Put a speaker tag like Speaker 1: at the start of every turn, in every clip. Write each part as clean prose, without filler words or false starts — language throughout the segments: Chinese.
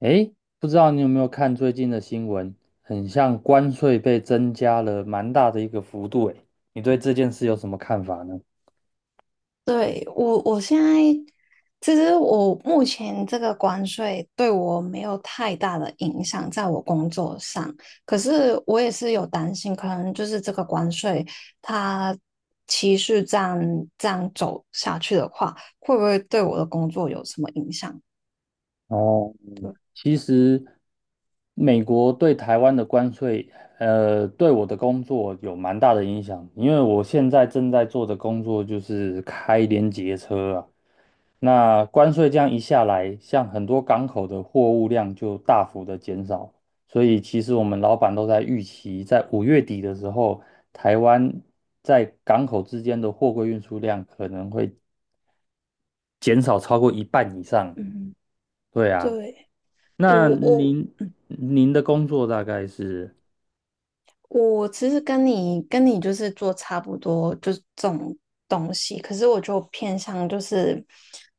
Speaker 1: 诶，不知道你有没有看最近的新闻，很像关税被增加了蛮大的一个幅度，诶，你对这件事有什么看法呢？
Speaker 2: 对，我现在其实,我目前这个关税对我没有太大的影响，在我工作上。可是我也是有担心，可能就是这个关税它持续这样走下去的话，会不会对我的工作有什么影响？
Speaker 1: 哦。其实美国对台湾的关税，对我的工作有蛮大的影响，因为我现在正在做的工作就是开联结车啊。那关税这样一下来，像很多港口的货物量就大幅的减少，所以其实我们老板都在预期，在5月底的时候，台湾在港口之间的货柜运输量可能会减少超过一半以上。
Speaker 2: 嗯，
Speaker 1: 对啊。
Speaker 2: 对，
Speaker 1: 那
Speaker 2: 我我
Speaker 1: 您的工作大概是。
Speaker 2: 我其实跟你就是做差不多，就是这种东西，可是我就偏向就是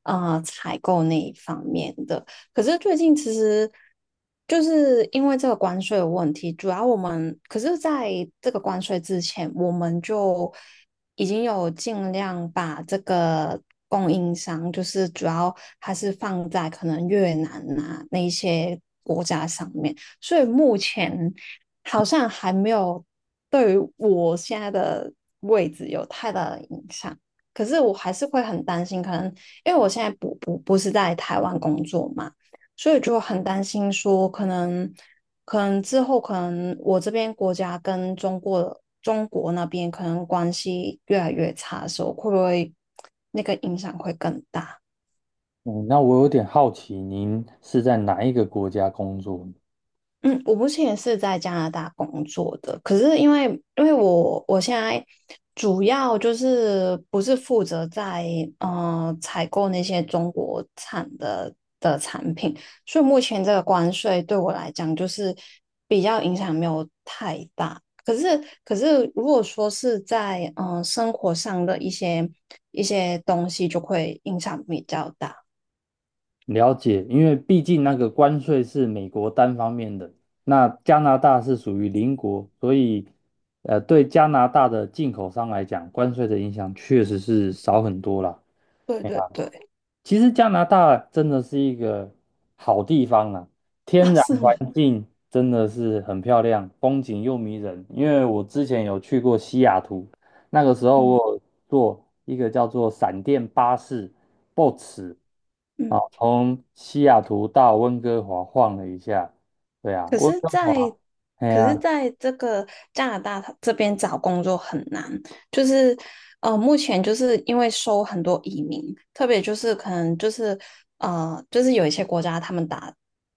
Speaker 2: 采购那一方面的。可是最近其实就是因为这个关税的问题，主要我们可是在这个关税之前，我们就已经有尽量把这个供应商，就是主要还是放在可能越南啊那一些国家上面，所以目前好像还没有对于我现在的位置有太大的影响。可是我还是会很担心，可能因为我现在不是在台湾工作嘛，所以就很担心说，可能之后可能我这边国家跟中国那边可能关系越来越差的时候，会不会那个影响会更大？
Speaker 1: 嗯，那我有点好奇，您是在哪一个国家工作？
Speaker 2: 嗯，我目前也是在加拿大工作的，可是因为因为我现在主要就是不是负责在采购那些中国产的，所以目前这个关税对我来讲就是比较影响没有太大。可是如果说是在生活上的一些一些东西，就会影响比较大。
Speaker 1: 了解，因为毕竟那个关税是美国单方面的，那加拿大是属于邻国，所以，对加拿大的进口商来讲，关税的影响确实是少很多啦。
Speaker 2: 对对对。
Speaker 1: 其实加拿大真的是一个好地方啊，天
Speaker 2: 啊，
Speaker 1: 然
Speaker 2: 是吗？
Speaker 1: 环境真的是很漂亮，风景又迷人。因为我之前有去过西雅图，那个时候
Speaker 2: 嗯
Speaker 1: 我有坐一个叫做闪电巴士 （(BOX) 啊，
Speaker 2: 嗯。
Speaker 1: 从西雅图到温哥华晃了一下。对啊，
Speaker 2: 可
Speaker 1: 温
Speaker 2: 是
Speaker 1: 哥
Speaker 2: 在，
Speaker 1: 华，哎
Speaker 2: 可是
Speaker 1: 呀、
Speaker 2: 在这个加拿大它这边找工作很难，就是目前就是因为收很多移民，特别就是可能就是就是有一些国家他们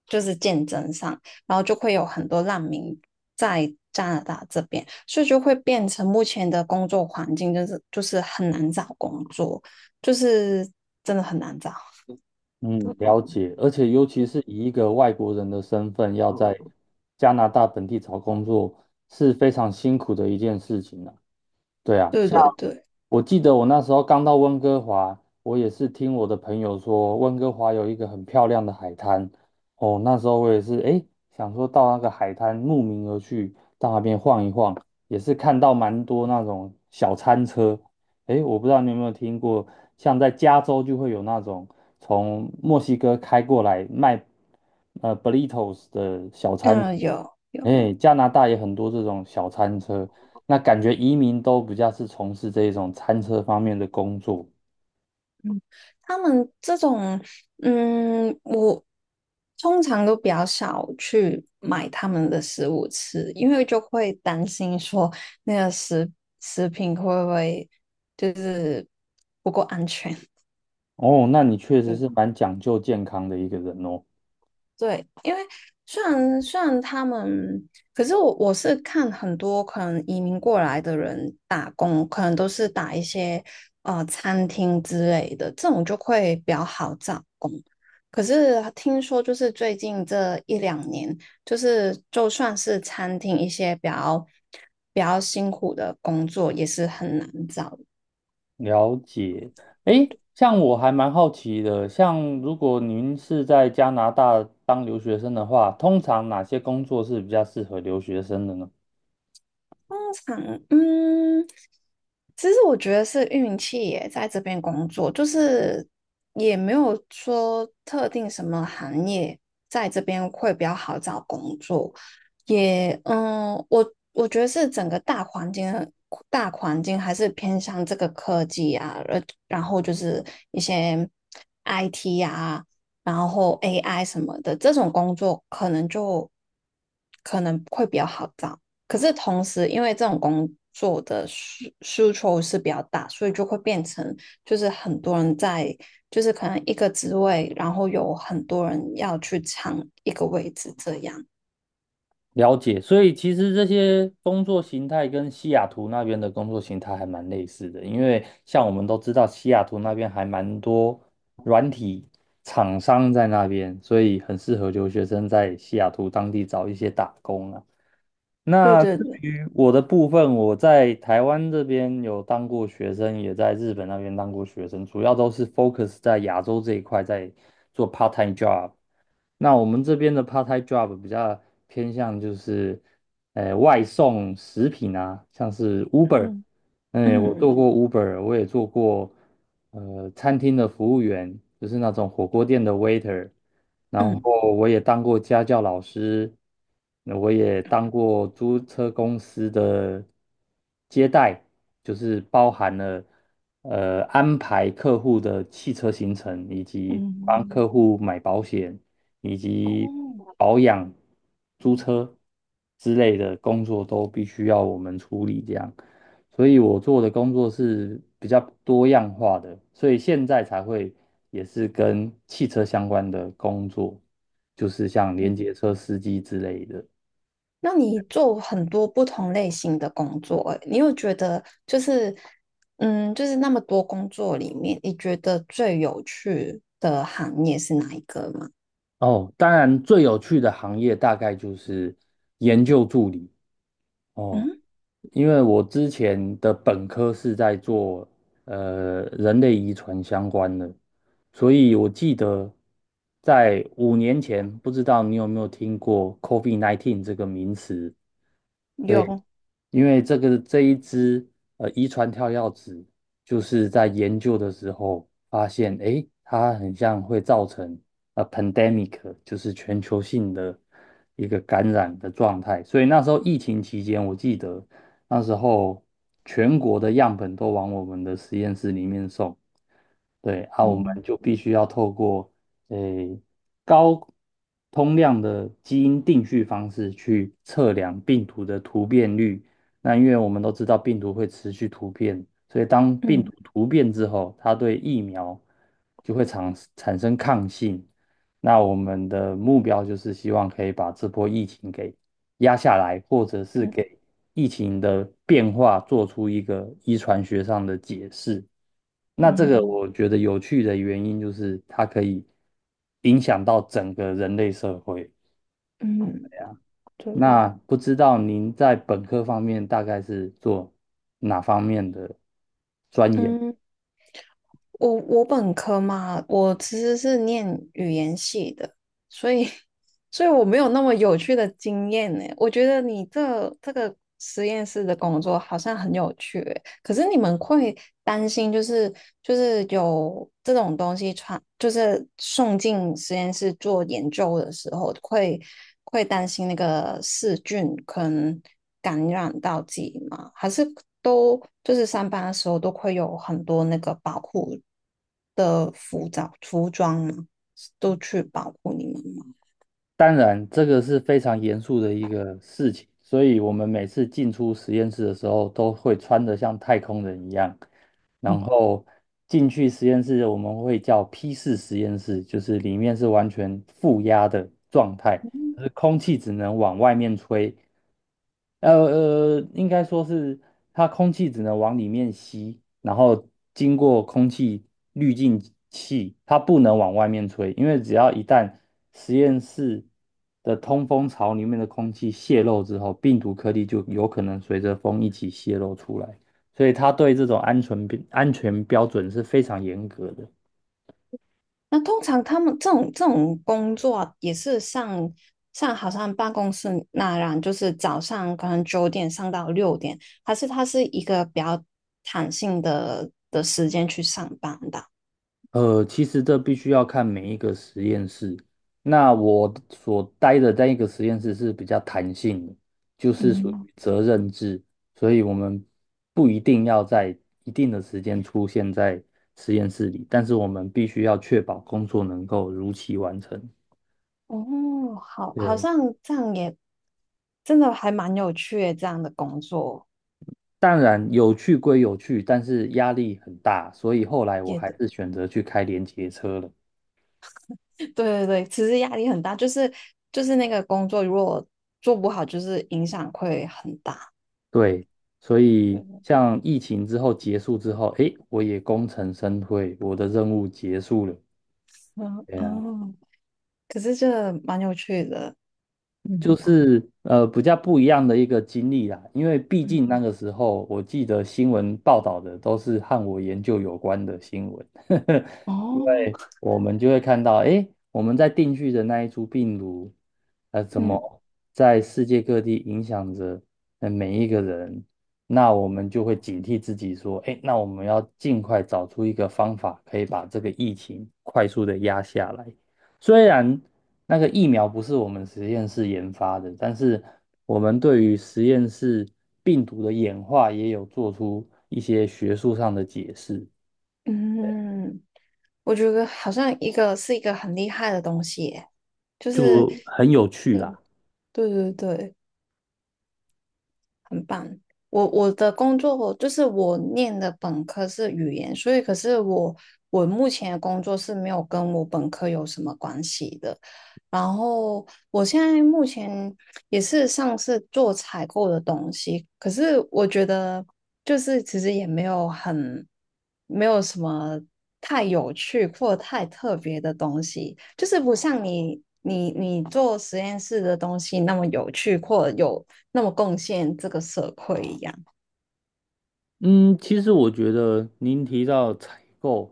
Speaker 2: 就是竞争上，然后就会有很多难民在加拿大这边，所以就会变成目前的工作环境就是很难找工作，就是真的很难找。
Speaker 1: 嗯，了解，而且尤其是以一个外国人的身份要在加拿大本地找工作，是非常辛苦的一件事情呢。对啊，
Speaker 2: 对
Speaker 1: 像
Speaker 2: 对对，
Speaker 1: 我记得我那时候刚到温哥华，我也是听我的朋友说，温哥华有一个很漂亮的海滩。哦，那时候我也是，诶，想说到那个海滩慕名而去，到那边晃一晃，也是看到蛮多那种小餐车。诶，我不知道你有没有听过，像在加州就会有那种从墨西哥开过来卖burritos 的小餐。
Speaker 2: 嗯，有有。
Speaker 1: 哎，加拿大也很多这种小餐车，那感觉移民都比较是从事这一种餐车方面的工作。
Speaker 2: 嗯，他们这种，嗯，我通常都比较少去买他们的食物吃，因为就会担心说那个食食品会不会就是不够安全。
Speaker 1: 哦，那你确实
Speaker 2: 嗯，
Speaker 1: 是蛮讲究健康的一个人哦。
Speaker 2: 对，虽然他们，可是我是看很多可能移民过来的人打工，可能都是打一些餐厅之类的，这种就会比较好找。可是听说，就是最近这一两年，就是就算是餐厅一些比较辛苦的工作，也是很难找。
Speaker 1: 了解。诶，像我还蛮好奇的，像如果您是在加拿大当留学生的话，通常哪些工作是比较适合留学生的呢？
Speaker 2: 常，嗯，其实我觉得是运气耶，在这边工作，就是也没有说特定什么行业在这边会比较好找工作，也，嗯，我觉得是整个大环境还是偏向这个科技啊，然后就是一些 IT 啊。然后 AI 什么的这种工作，可能会比较好找。可是同时，因为这种工作的需求是比较大，所以就会变成就是很多人在，就是可能一个职位，然后有很多人要去抢一个位置，这样。
Speaker 1: 了解，所以其实这些工作形态跟西雅图那边的工作形态还蛮类似的，因为像我们都知道，西雅图那边还蛮多软体厂商在那边，所以很适合留学生在西雅图当地找一些打工啊。
Speaker 2: 对
Speaker 1: 那
Speaker 2: 对
Speaker 1: 至
Speaker 2: 对，
Speaker 1: 于我的部分，我在台湾这边有当过学生，也在日本那边当过学生，主要都是 focus 在亚洲这一块，在做 part time job。那我们这边的 part-time job 比较偏向就是，外送食品啊，像是 Uber,
Speaker 2: 嗯
Speaker 1: 嗯，我
Speaker 2: 嗯
Speaker 1: 做过 Uber,我也做过，餐厅的服务员，就是那种火锅店的 waiter,然
Speaker 2: 嗯
Speaker 1: 后我也当过家教老师，那我也当过租车公司的接待，就是包含了。安排客户的汽车行程，以及帮客
Speaker 2: 嗯。
Speaker 1: 户买保险，以及
Speaker 2: 哦，
Speaker 1: 保养、租车之类的工作都必须要我们处理这样，所以我做的工作是比较多样化的，所以现在才会也是跟汽车相关的工作，就是像连接车司机之类的。
Speaker 2: 那你做很多不同类型的工作，欸你有觉得就是嗯，就是那么多工作里面，你觉得最有趣的行业是哪一个吗？
Speaker 1: 哦，当然最有趣的行业大概就是研究助理。哦。
Speaker 2: 嗯，
Speaker 1: 因为我之前的本科是在做人类遗传相关的，所以我记得在5年前，不知道你有没有听过 COVID-19 这个名词？对。
Speaker 2: 有，
Speaker 1: 因为这一支遗传跳药子，就是在研究的时候发现，诶，它很像会造成pandemic,就是全球性的一个感染的状态。所以那时候疫情期间，我记得那时候全国的样本都往我们的实验室里面送，对，啊，我们
Speaker 2: 嗯。
Speaker 1: 就必须要透过诶高通量的基因定序方式去测量病毒的突变率。那因为我们都知道病毒会持续突变，所以当病毒
Speaker 2: 嗯
Speaker 1: 突变之后，它对疫苗就会产生抗性。那我们的目标就是希望可以把这波疫情给压下来，或者是
Speaker 2: 嗯
Speaker 1: 给疫情的变化做出一个遗传学上的解释。那这个
Speaker 2: 嗯
Speaker 1: 我觉得有趣的原因就是它可以影响到整个人类社会。
Speaker 2: 嗯，对，
Speaker 1: 那不知道您在本科方面大概是做哪方面的钻研？
Speaker 2: 嗯，我本科嘛，我其实是念语言系的，所以 所以我没有那么有趣的经验呢。我觉得你这个实验室的工作好像很有趣欸，可是你们会担心，就是有这种东西传，就是送进实验室做研究的时候，会会担心那个细菌可能感染到自己吗？还是都就是上班的时候都会有很多那个保护的服装吗？都去保护你们吗？
Speaker 1: 当然，这个是非常严肃的一个事情，所以我们每次进出实验室的时候，都会穿得像太空人一样。然后进去实验室，我们会叫 P4实验室，就是里面是完全负压的状态，就
Speaker 2: 嗯，
Speaker 1: 是空气只能往外面吹，呃应该说是它空气只能往里面吸，然后经过空气滤净器，它不能往外面吹，因为只要一旦实验室的通风槽里面的空气泄漏之后，病毒颗粒就有可能随着风一起泄露出来，所以它对这种安全标准是非常严格的。
Speaker 2: 那通常他们这种工作也是上好像办公室那样，就是早上可能九点上到六点，还是他是一个比较弹性的时间去上班的？
Speaker 1: 其实这必须要看每一个实验室。那我所待的那一个实验室是比较弹性的，就是属
Speaker 2: 嗯，
Speaker 1: 于责任制，所以我们不一定要在一定的时间出现在实验室里，但是我们必须要确保工作能够如期完成。
Speaker 2: 哦，好，好
Speaker 1: 对，
Speaker 2: 像这样也真的还蛮有趣的，这样的工作
Speaker 1: 当然有趣归有趣，但是压力很大，所以后来我
Speaker 2: 也
Speaker 1: 还
Speaker 2: 对。
Speaker 1: 是选择去开连接车了。
Speaker 2: 对对对，其实压力很大，就是就是那个工作如果做不好，就是影响会很大。
Speaker 1: 对，所
Speaker 2: 对，
Speaker 1: 以像疫情之后结束之后，诶，我也功成身退，我的任务结束了。
Speaker 2: 嗯
Speaker 1: 对呀，
Speaker 2: 嗯。可是这蛮有趣的，
Speaker 1: 就
Speaker 2: 嗯
Speaker 1: 是比较不一样的一个经历啦，因为毕
Speaker 2: 嗯
Speaker 1: 竟那个时候我记得新闻报道的都是和我研究有关的新闻，
Speaker 2: 哦，
Speaker 1: 我们就会看到，诶，我们在定居的那一株病毒，怎
Speaker 2: 嗯
Speaker 1: 么在世界各地影响着每一个人？那我们就会警惕自己说，诶，那我们要尽快找出一个方法，可以把这个疫情快速的压下来。虽然那个疫苗不是我们实验室研发的，但是我们对于实验室病毒的演化也有做出一些学术上的解释，对啊。
Speaker 2: 嗯，我觉得好像一个是一个很厉害的东西耶就是，
Speaker 1: 就很有趣
Speaker 2: 嗯，
Speaker 1: 啦。
Speaker 2: 对对对，很棒。我我的工作就是我念的本科是语言，所以可是我目前的工作是没有跟我本科有什么关系的。然后我现在目前也是上次做采购的东西，可是我觉得就是其实也没有什么太有趣或太特别的东西，就是不像你做实验室的东西那么有趣或有那么贡献这个社会一样。
Speaker 1: 嗯，其实我觉得您提到采购，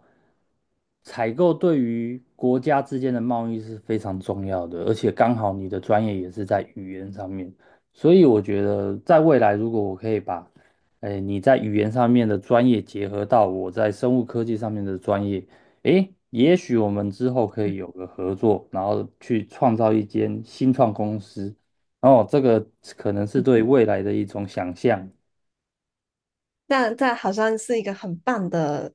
Speaker 1: 采购对于国家之间的贸易是非常重要的，而且刚好你的专业也是在语言上面，所以我觉得在未来如果我可以把，哎，你在语言上面的专业结合到我在生物科技上面的专业，哎，也许我们之后可以有个合作，然后去创造一间新创公司，然后这个可能是对未来的一种想象。
Speaker 2: 那这好像是一个很棒的